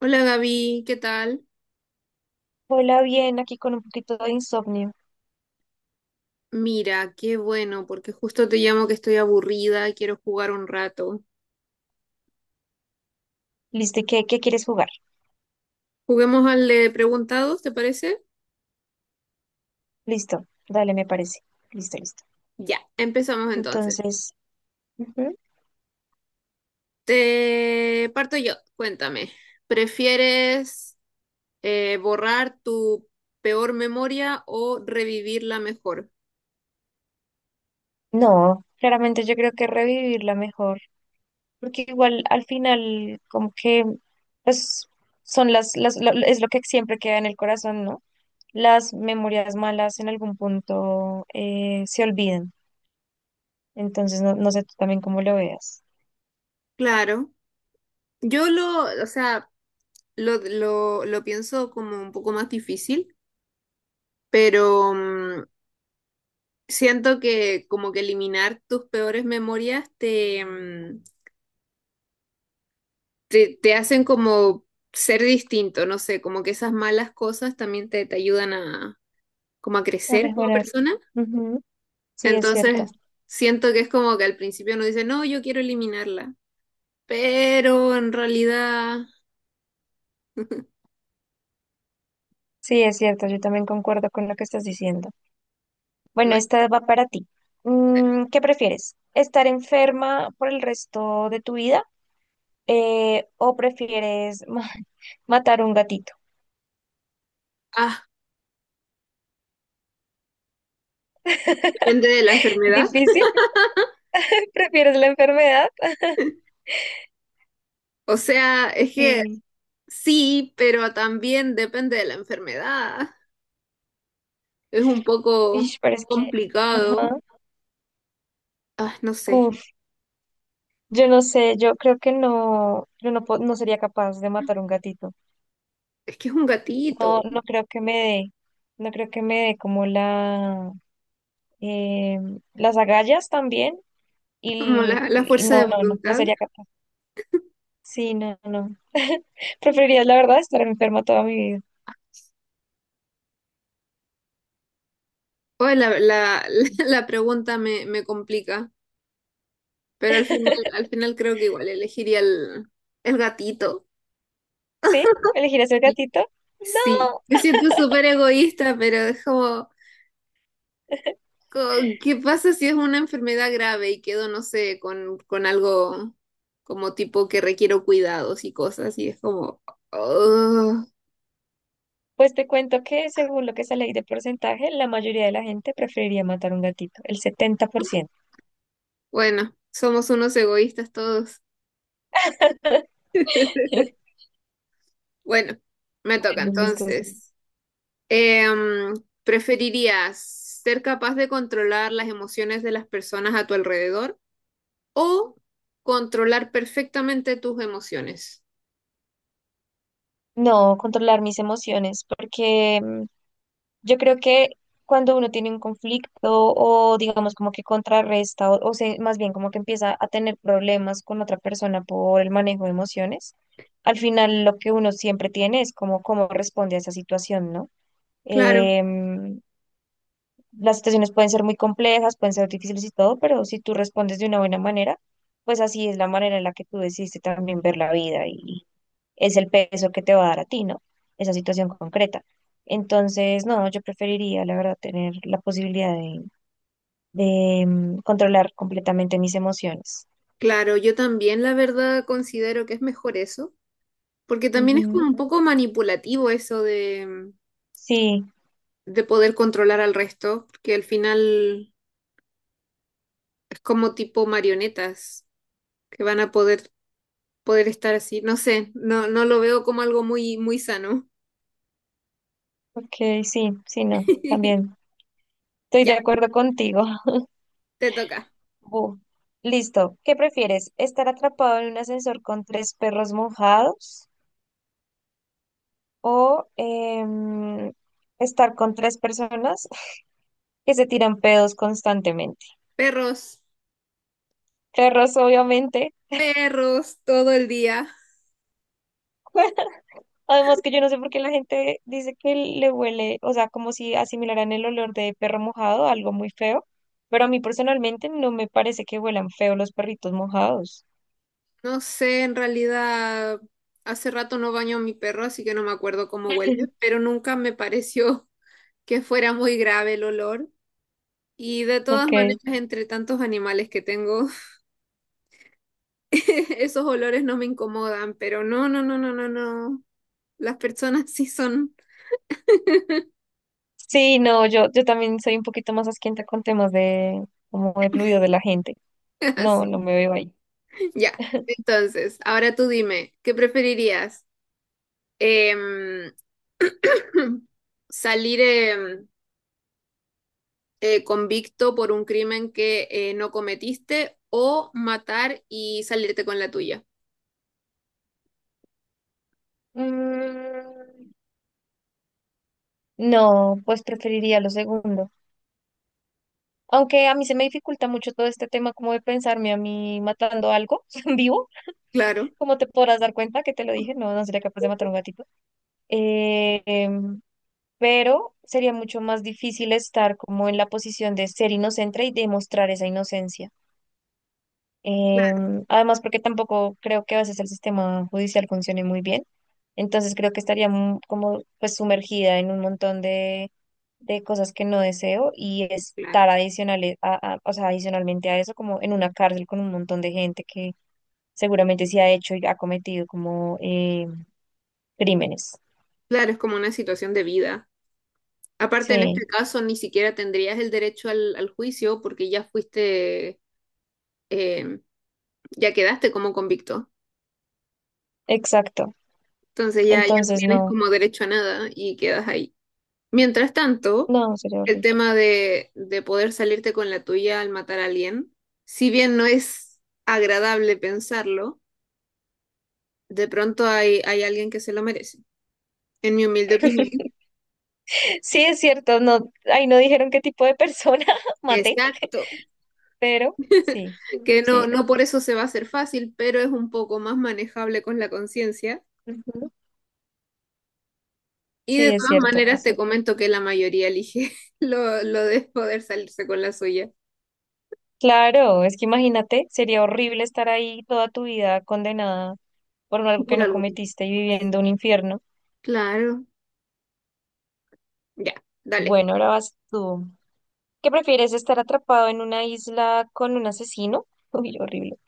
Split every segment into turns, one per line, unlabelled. Hola Gaby, ¿qué tal?
Hola, bien, aquí con un poquito de insomnio.
Mira, qué bueno, porque justo te llamo que estoy aburrida y quiero jugar un rato.
Listo, ¿y qué quieres jugar?
Juguemos al de preguntados, ¿te parece?
Listo, dale, me parece. Listo, listo.
Ya, empezamos entonces.
Entonces, ujú.
Te parto yo, cuéntame. ¿Prefieres borrar tu peor memoria o revivir la mejor?
No, claramente yo creo que revivirla mejor, porque igual al final como que pues son las, es lo que siempre queda en el corazón, ¿no? Las memorias malas en algún punto se olvidan. Entonces, no, no sé tú también cómo lo veas.
Claro, o sea, lo pienso como un poco más difícil, pero siento que como que eliminar tus peores memorias te hacen como ser distinto, no sé, como que esas malas cosas también te ayudan a como a
A
crecer como
mejorar.
persona.
Ujú. Sí, es cierto.
Entonces, siento que es como que al principio uno dice, no, yo quiero eliminarla, pero en realidad,
Sí, es cierto, yo también concuerdo con lo que estás diciendo. Bueno,
bueno,
esta va para ti. Mm, ¿qué prefieres? ¿Estar enferma por el resto de tu vida? ¿O prefieres matar un gatito?
ah, depende de la enfermedad.
¿Difícil? ¿Prefieres la enfermedad?
O sea, es que
Sí.
sí, pero también depende de la enfermedad. Es un poco
Ish, pero es que...
complicado.
Ajá.
Ah, no sé,
Uf, yo no sé, yo creo que no, yo no, no sería capaz de matar un gatito.
es que es un
No,
gatito,
no creo que me dé, no creo que me dé como la, eh, las agallas también.
como
Y,
la
y
fuerza
no,
de
no, no
voluntad.
sería capaz. Sí, no, no. Preferiría, la verdad, estar enferma toda mi vida.
Oye, la pregunta me complica, pero al final creo que igual elegiría el gatito.
¿Sí? ¿Elegirás el
Y
gatito?
sí,
No.
me siento súper egoísta, pero es como, co- ¿qué pasa si es una enfermedad grave y quedo, no sé, con algo como tipo que requiero cuidados y cosas? Y es como, oh,
Pues te cuento que según lo que sale ahí de porcentaje, la mayoría de la gente preferiría matar un gatito, el 70%.
bueno, somos unos egoístas todos. Bueno, me toca
Bueno, listo. Sí.
entonces. Em, ¿Preferirías ser capaz de controlar las emociones de las personas a tu alrededor o controlar perfectamente tus emociones?
No, controlar mis emociones, porque yo creo que cuando uno tiene un conflicto o digamos como que contrarresta o más bien como que empieza a tener problemas con otra persona por el manejo de emociones, al final lo que uno siempre tiene es como cómo responde a esa situación, ¿no?
Claro,
Em, las situaciones pueden ser muy complejas, pueden ser difíciles y todo, pero si tú respondes de una buena manera, pues así es la manera en la que tú decidiste también ver la vida es el peso que te va a dar a ti, ¿no? Esa situación concreta. Entonces, no, yo preferiría, la verdad, tener la posibilidad de controlar completamente mis emociones.
claro, yo también la verdad considero que es mejor eso, porque también es como
Ujú.
un poco manipulativo eso
Sí,
de poder controlar al resto, porque al final es como tipo marionetas que van a poder, poder estar así. No sé, no, no lo veo como algo muy, muy sano.
ok, sí, sí, no, también estoy de
Ya,
acuerdo contigo.
te toca.
Bu. Listo. ¿Qué prefieres? ¿Estar atrapado en un ascensor con tres perros mojados o estar con tres personas que se tiran pedos constantemente?
Perros,
Perros, obviamente.
perros todo el día.
Además que yo no sé por qué la gente dice que le huele, o sea, como si asimilaran el olor de perro mojado, algo muy feo, pero a mí personalmente no me parece que huelan feo los perritos mojados.
No sé, en realidad hace rato no baño a mi perro, así que no me acuerdo cómo huele, pero nunca me pareció que fuera muy grave el olor. Y de todas
Ok.
maneras, entre tantos animales que tengo, esos olores no me incomodan, pero no, no, no, no, no, no. Las personas sí son
Sí, no, yo también soy un poquito más asquienta con temas de como de fluido de la gente. No, no
así.
me veo ahí.
Ya, entonces, ahora tú dime, ¿qué preferirías? Em, salir, convicto por un crimen que no cometiste o matar y salirte con la tuya.
Mm, no, pues preferiría lo segundo. Aunque a mí se me dificulta mucho todo este tema como de pensarme a mí matando algo en vivo.
Claro,
Como te podrás dar cuenta, que te lo dije, no, no sería capaz de matar a un gatito. Eh, em, pero sería mucho más difícil estar como en la posición de ser inocente y demostrar esa inocencia.
claro,
Em, además, porque tampoco creo que a veces el sistema judicial funcione muy bien. Entonces creo que estaría como pues sumergida en un montón de cosas que no deseo y estar
claro.
adicionales a, o sea, adicionalmente a eso, como en una cárcel con un montón de gente que seguramente sí ha hecho y ha cometido como crímenes.
Claro, es como una situación de vida. Aparte, en este
Sí,
caso, ni siquiera tendrías el derecho al juicio porque ya fuiste, eh, ya quedaste como convicto.
exacto.
Entonces ya, ya no
Entonces
tienes
no,
como derecho a nada y quedas ahí. Mientras tanto,
no, sería
el
horrible.
tema de poder salirte con la tuya al matar a alguien, si bien no es agradable pensarlo, de pronto hay, hay alguien que se lo merece, en mi humilde opinión.
Sí, es cierto, no, ahí no dijeron qué tipo de persona maté,
Exacto,
pero sí,
que no,
sí,
no por eso se va a hacer fácil, pero es un poco más manejable con la conciencia.
ujú,
Y
sí,
de
es
todas
cierto,
maneras
es
te
cierto.
comento que la mayoría elige lo de poder salirse con la suya.
Claro, es que imagínate, sería horrible estar ahí toda tu vida condenada por algo que
Por
no
algo.
cometiste y viviendo un infierno.
Claro. Ya, dale.
Bueno, ahora vas tú. ¿Qué prefieres, estar atrapado en una isla con un asesino? Uy, horrible.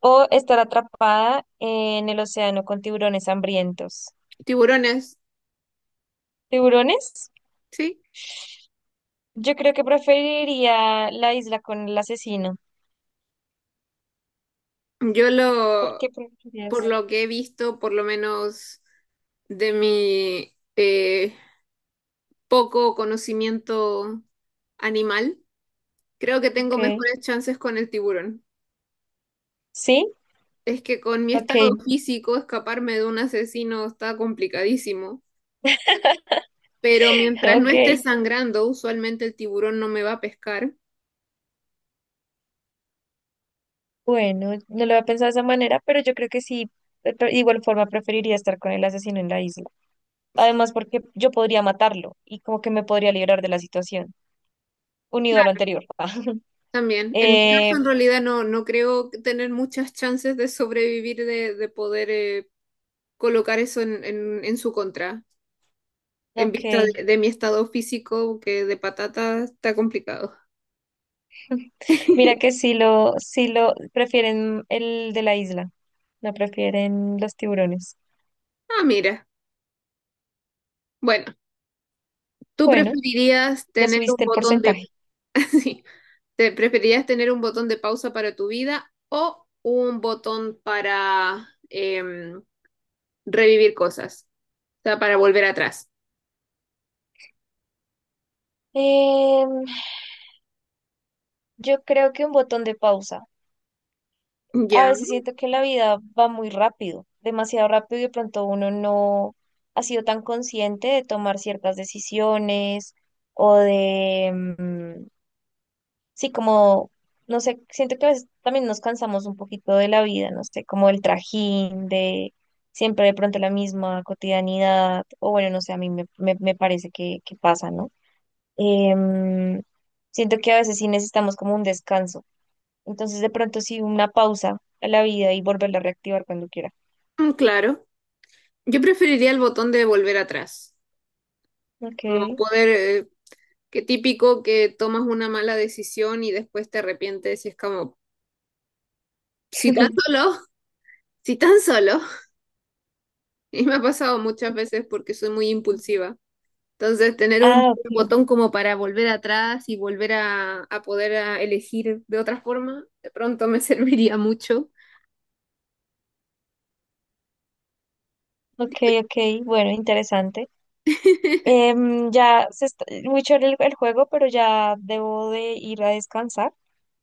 O estar atrapada en el océano con tiburones hambrientos.
Tiburones,
¿Tiburones?
¿sí?
Yo creo que preferiría la isla con el asesino.
Yo
¿Por
lo,
qué
por
preferirías?
lo que he visto, por lo menos de mi poco conocimiento animal, creo que tengo
Ok.
mejores chances con el tiburón.
¿Sí?
Es que con mi
Ok.
estado físico, escaparme de un asesino está complicadísimo, pero mientras no esté
Ok.
sangrando, usualmente el tiburón no me va a pescar.
Bueno, no lo había pensado de esa manera, pero yo creo que sí. De igual forma preferiría estar con el asesino en la isla. Además, porque yo podría matarlo y como que me podría librar de la situación, unido a lo anterior.
También, en mi caso,
Eh,
en realidad no, no creo tener muchas chances de sobrevivir, de poder colocar eso en, en su contra. En vista
ok.
de mi estado físico, que de patata está complicado.
Mira que sí lo prefieren el de la isla, no prefieren los tiburones.
Ah, mira. Bueno, ¿tú
Bueno.
preferirías
Ya
tener un
subiste el
botón de...
porcentaje.
sí, ¿te preferirías tener un botón de pausa para tu vida o un botón para revivir cosas? O sea, para volver atrás.
Em, yo creo que un botón de pausa. A
Ya,
veces siento que la vida va muy rápido, demasiado rápido y de pronto uno no ha sido tan consciente de tomar ciertas decisiones o de, sí, como, no sé, siento que a veces también nos cansamos un poquito de la vida, no sé, como el trajín de siempre de pronto la misma cotidianidad o bueno, no sé, a mí me parece que pasa, ¿no? Em, siento que a veces sí necesitamos como un descanso. Entonces, de pronto sí una pausa a la vida y volverla a reactivar cuando quiera.
mm, claro. Yo preferiría el botón de volver atrás.
Ok.
Como poder... qué típico que tomas una mala decisión y después te arrepientes y es como, si tan solo, si tan solo. Y me ha pasado muchas veces porque soy muy impulsiva. Entonces, tener un
Ah, ok,
botón como para volver atrás y volver a poder a elegir de otra forma, de pronto me serviría mucho.
ok, ok, bueno, interesante. Em, ya se está, muy chévere el juego, pero ya debo de ir a descansar,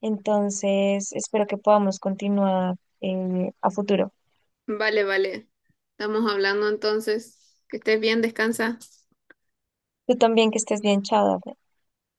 entonces espero que podamos continuar a futuro.
Vale, vale. Estamos hablando entonces. Que estés bien, descansa.
Tú también que estés bien, chao.